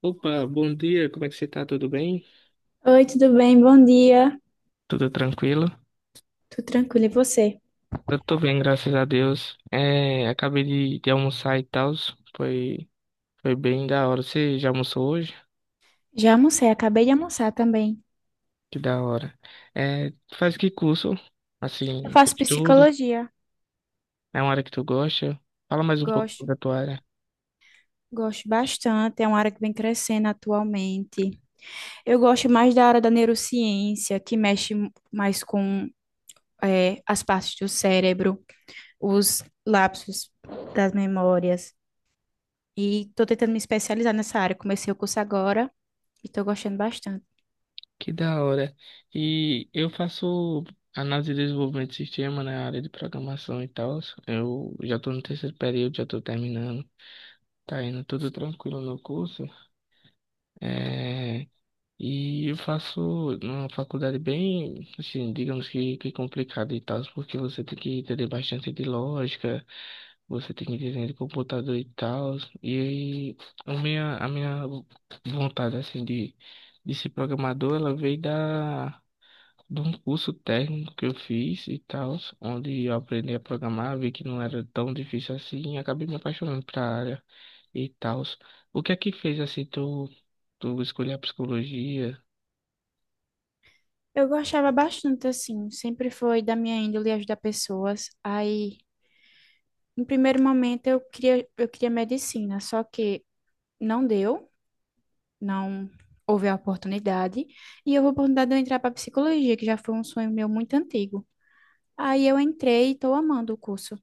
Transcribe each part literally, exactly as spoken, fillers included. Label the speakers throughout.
Speaker 1: Opa, bom dia, como é que você tá? Tudo bem?
Speaker 2: Oi, tudo bem? Bom dia.
Speaker 1: Tudo tranquilo?
Speaker 2: Tudo tranquilo, e você?
Speaker 1: Eu tô bem, graças a Deus. É, acabei de, de almoçar e tal, foi, foi bem da hora. Você já almoçou hoje?
Speaker 2: Já almocei, acabei de almoçar também.
Speaker 1: Que da hora. É, tu faz que curso?
Speaker 2: Eu
Speaker 1: Assim, tu
Speaker 2: faço
Speaker 1: estuda?
Speaker 2: psicologia,
Speaker 1: É uma área que tu gosta? Fala mais um pouco
Speaker 2: gosto,
Speaker 1: sobre a tua área.
Speaker 2: gosto bastante, é uma área que vem crescendo atualmente. Eu gosto mais da área da neurociência, que mexe mais com eh, as partes do cérebro, os lapsos das memórias. E estou tentando me especializar nessa área. Comecei o curso agora e estou gostando bastante.
Speaker 1: Que da hora. E eu faço análise e desenvolvimento de sistema na área de programação e tal. Eu já tô no terceiro período, já tô terminando. Tá indo tudo tranquilo no curso. É, e eu faço uma faculdade bem, assim, digamos que, que complicada e tal, porque você tem que entender bastante de lógica, você tem que entender de computador e tal. E aí, a minha, a minha vontade, assim, de, de ser programador, ela veio da, de um curso técnico que eu fiz e tal, onde eu aprendi a programar, vi que não era tão difícil assim e acabei me apaixonando pela área e tal. O que é que fez assim tu, tu escolher a psicologia
Speaker 2: Eu gostava bastante, assim, sempre foi da minha índole ajudar pessoas. Aí no primeiro momento eu queria, eu queria medicina, só que não deu, não houve a oportunidade, e houve a oportunidade de eu entrar para psicologia, que já foi um sonho meu muito antigo. Aí eu entrei e estou amando o curso.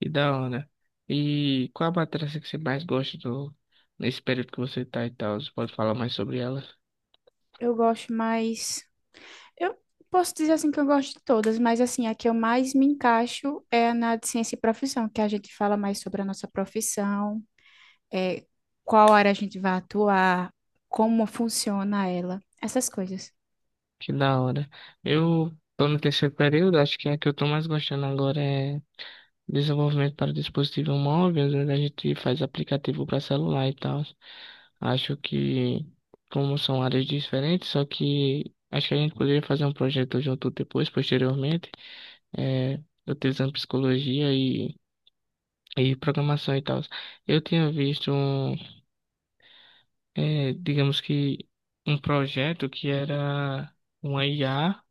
Speaker 1: e da hora, né? E qual a matéria assim, que você mais gosta do, nesse período que você tá e tal? Você pode falar mais sobre ela?
Speaker 2: Eu gosto mais. Eu posso dizer assim que eu gosto de todas, mas assim, a que eu mais me encaixo é na de ciência e profissão, que a gente fala mais sobre a nossa profissão, é, qual área a gente vai atuar, como funciona ela, essas coisas.
Speaker 1: Que da hora. Eu tô no terceiro período, acho que a que eu tô mais gostando agora é desenvolvimento para dispositivo móvel, onde a gente faz aplicativo para celular e tal. Acho que como são áreas diferentes, só que acho que a gente poderia fazer um projeto junto depois, posteriormente. é, Utilizando psicologia e, e programação e tal. Eu tinha visto, um, é, digamos que, um projeto que era uma I A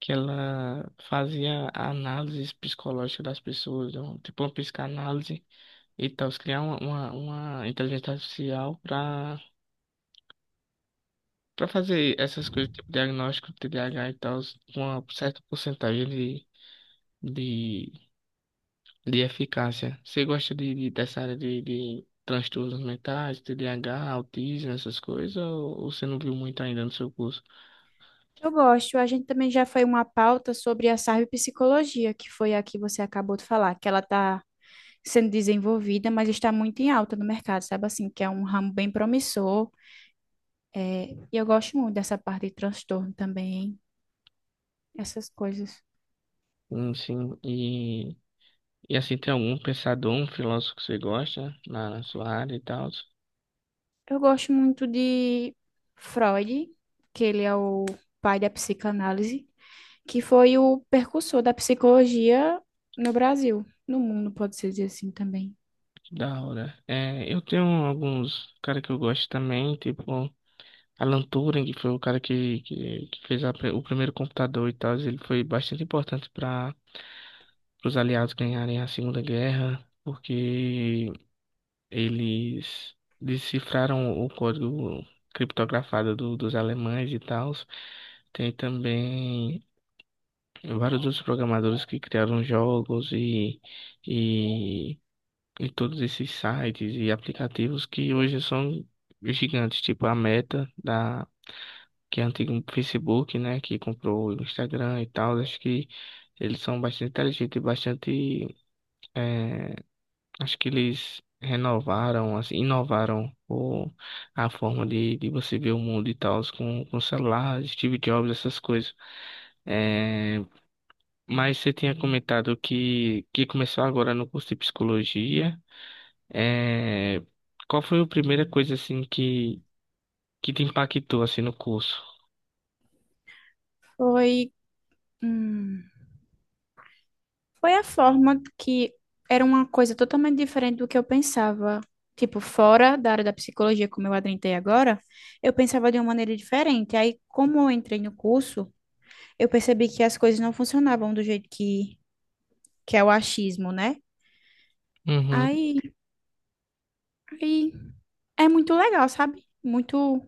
Speaker 1: que ela fazia análises psicológicas das pessoas, um- tipo uma psicanálise e tal, criar uma, uma, uma inteligência artificial para para fazer essas coisas, tipo diagnóstico, T D A H e tal, com uma certa porcentagem de de, de eficácia. Você gosta de, de- dessa área de, de transtornos mentais, T D A H, autismo, essas coisas, ou, ou você não viu muito ainda no seu curso?
Speaker 2: Eu gosto. A gente também já foi uma pauta sobre a cyberpsicologia, que foi a que você acabou de falar, que ela está sendo desenvolvida, mas está muito em alta no mercado, sabe assim, que é um ramo bem promissor. É, e eu gosto muito dessa parte de transtorno também, essas coisas.
Speaker 1: Hum, sim, e, e assim, tem algum pensador, um filósofo que você gosta na, na sua área e tal?
Speaker 2: Eu gosto muito de Freud, que ele é o pai da psicanálise, que foi o precursor da psicologia no Brasil, no mundo, pode-se dizer assim também.
Speaker 1: Que da hora. É, eu tenho alguns cara que eu gosto também, tipo Alan Turing, que foi o cara que, que, que fez a pri- o primeiro computador e tal. Ele foi bastante importante para os aliados ganharem a Segunda Guerra, porque eles decifraram o código criptografado do- dos alemães e tal. Tem também vários outros programadores que criaram jogos e, e, e todos esses sites e aplicativos que hoje são gigantes, tipo a Meta da que é antigo Facebook, né, que comprou o Instagram e tal. Acho que eles são bastante inteligentes e bastante eh, acho que eles renovaram, assim, inovaram o, a forma de, de você ver o mundo e tal, com, com celular, Steve Jobs, essas coisas. É, mas você tinha comentado que, que começou agora no curso de psicologia. É, qual foi a primeira coisa, assim, que, que te impactou, assim, no curso?
Speaker 2: Foi. Hum, foi a forma que era uma coisa totalmente diferente do que eu pensava. Tipo, fora da área da psicologia, como eu adentrei agora, eu pensava de uma maneira diferente. Aí, como eu entrei no curso, eu percebi que as coisas não funcionavam do jeito que, que é o achismo, né?
Speaker 1: Uhum,
Speaker 2: Aí, aí é muito legal, sabe? Muito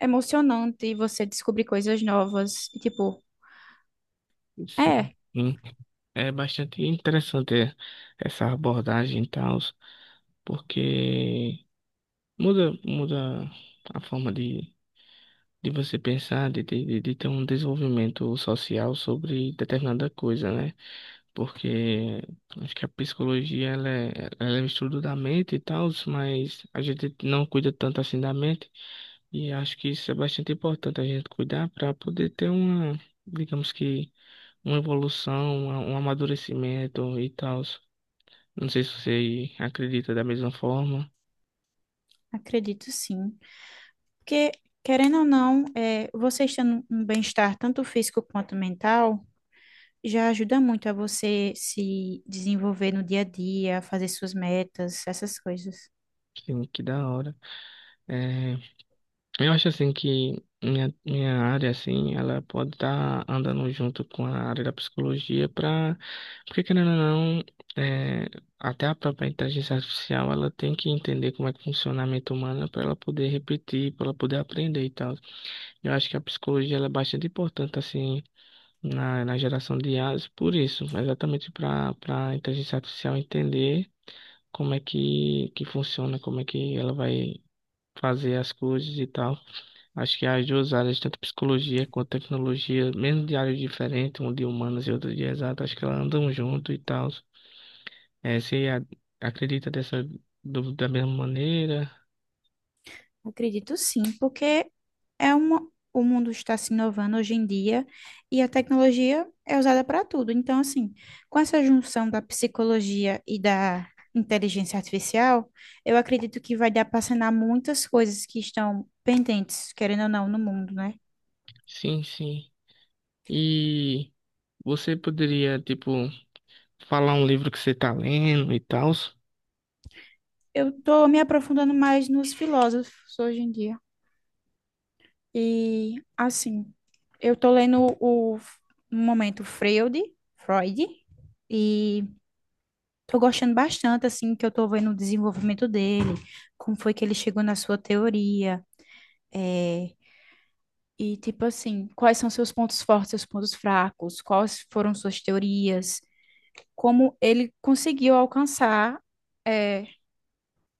Speaker 2: emocionante você descobrir coisas novas. E, tipo,
Speaker 1: sim.
Speaker 2: é,
Speaker 1: Sim. É bastante interessante é, essa abordagem e tal, porque muda, muda a forma de de você pensar, de, de, de de ter um desenvolvimento social sobre determinada coisa, né? Porque acho que a psicologia, ela é, ela é o estudo da mente e tal, mas a gente não cuida tanto assim da mente, e acho que isso é bastante importante a gente cuidar para poder ter uma, digamos que, uma evolução, uma- um amadurecimento e tal. Não sei se você acredita da mesma forma.
Speaker 2: acredito sim. Porque, querendo ou não, é, você estando em um bem-estar tanto físico quanto mental já ajuda muito a você se desenvolver no dia a dia, fazer suas metas, essas coisas.
Speaker 1: Sim, que da hora. É, eu acho assim que minha, minha área assim, ela pode estar andando junto com a área da psicologia para, porque querendo ou não, é, até a própria inteligência artificial ela tem que entender como é que funciona a mente humana para ela poder repetir, para ela poder aprender e tal. Eu acho que a psicologia ela é bastante importante assim na, na geração de I As, por isso, exatamente para para a inteligência artificial entender como é que que funciona, como é que ela vai fazer as coisas e tal. Acho que as duas áreas, tanto psicologia quanto tecnologia, mesmo de áreas diferentes, uma de humanas e outra de exatas, acho que elas andam junto e tal. É, você a- acredita dessa, do- da mesma maneira?
Speaker 2: Acredito sim, porque é uma, o mundo está se inovando hoje em dia e a tecnologia é usada para tudo. Então, assim, com essa junção da psicologia e da inteligência artificial, eu acredito que vai dar para sanar muitas coisas que estão pendentes, querendo ou não, no mundo, né?
Speaker 1: Sim, sim. E você poderia, tipo, falar um livro que você tá lendo e tal?
Speaker 2: Eu estou me aprofundando mais nos filósofos hoje em dia. E assim, eu tô lendo o no momento Freud, Freud, e tô gostando bastante assim que eu tô vendo o desenvolvimento dele, como foi que ele chegou na sua teoria, é, e tipo assim, quais são seus pontos fortes, seus pontos fracos, quais foram suas teorias, como ele conseguiu alcançar é,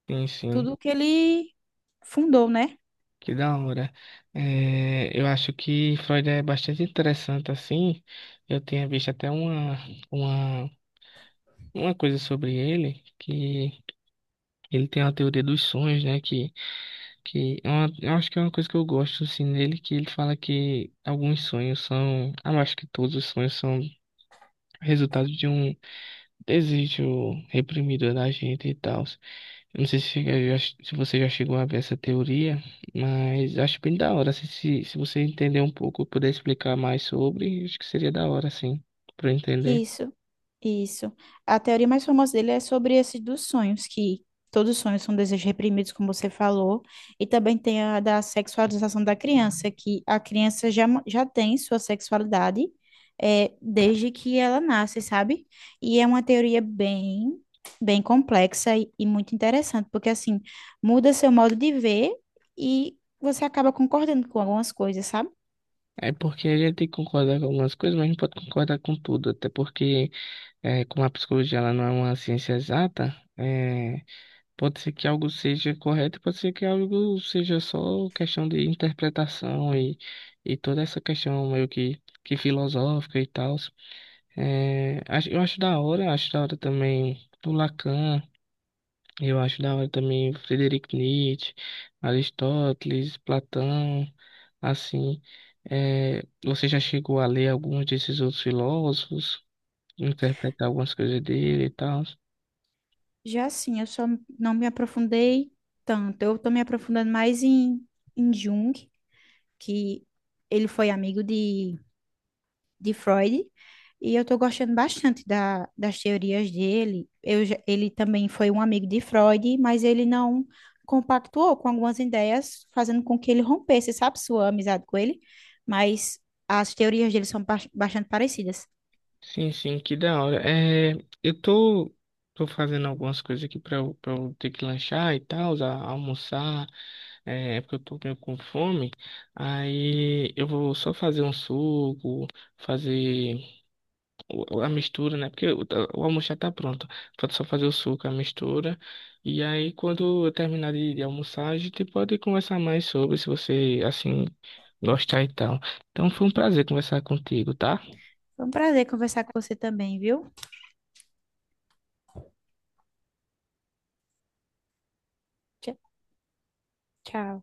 Speaker 1: Sim, sim.
Speaker 2: tudo que ele fundou, né?
Speaker 1: Que da hora. É, eu acho que Freud é bastante interessante, assim. Eu tinha visto até uma, uma, uma coisa sobre ele que. Ele tem a teoria dos sonhos, né? Que, que é uma, eu acho que é uma coisa que eu gosto assim nele, que ele fala que alguns sonhos são, ah eu acho que todos os sonhos são resultado de um desejo reprimido da gente e tal. Eu não sei se, chega- já- se você já chegou a ver essa teoria, mas acho bem da hora. Se, se, se você entender um pouco, puder explicar mais sobre, acho que seria da hora, sim, para entender.
Speaker 2: Isso, isso. A teoria mais famosa dele é sobre esse dos sonhos, que todos os sonhos são desejos reprimidos, como você falou, e também tem a da sexualização da criança, que a criança já, mo- já tem sua sexualidade é, desde que ela nasce, sabe? E é uma teoria bem, bem complexa e, e muito interessante, porque assim, muda seu modo de ver e você acaba concordando com algumas coisas, sabe?
Speaker 1: É porque a gente tem que concordar com algumas coisas, mas não pode concordar com tudo, até porque é, como a psicologia ela não é uma ciência exata, é, pode ser que algo seja correto, pode ser que algo seja só questão de interpretação e, e toda essa questão meio que, que filosófica e tal. É, acho- eu acho da hora, acho da hora também o Lacan, eu acho da hora também o Friedrich Nietzsche, Aristóteles, Platão, assim. É, você já chegou a ler alguns desses outros filósofos, interpretar algumas coisas dele e tal?
Speaker 2: Já sim, eu só não me aprofundei tanto. Eu estou me aprofundando mais em, em Jung, que ele foi amigo de, de Freud, e eu estou gostando bastante da, das teorias dele. Eu, já- ele também foi um amigo de Freud, mas ele não compactuou com algumas ideias, fazendo com que ele rompesse, sabe, sua amizade com ele. Mas as teorias dele são ba- bastante parecidas.
Speaker 1: Sim, sim, que da hora. É, eu tô, tô fazendo algumas coisas aqui pra, eu- pra eu ter que lanchar e tal, a- almoçar, é, é porque eu tô meio com fome. Aí eu vou só fazer um suco, fazer o- a mistura, né? Porque o, o almoço já tá pronto. Falta só fazer o suco, a mistura. E aí, quando eu terminar de, de almoçar, a gente pode conversar mais sobre, se você, assim, gostar e tal. Então foi um prazer conversar contigo, tá?
Speaker 2: Foi um prazer conversar com você também, viu? Tchau. Tchau.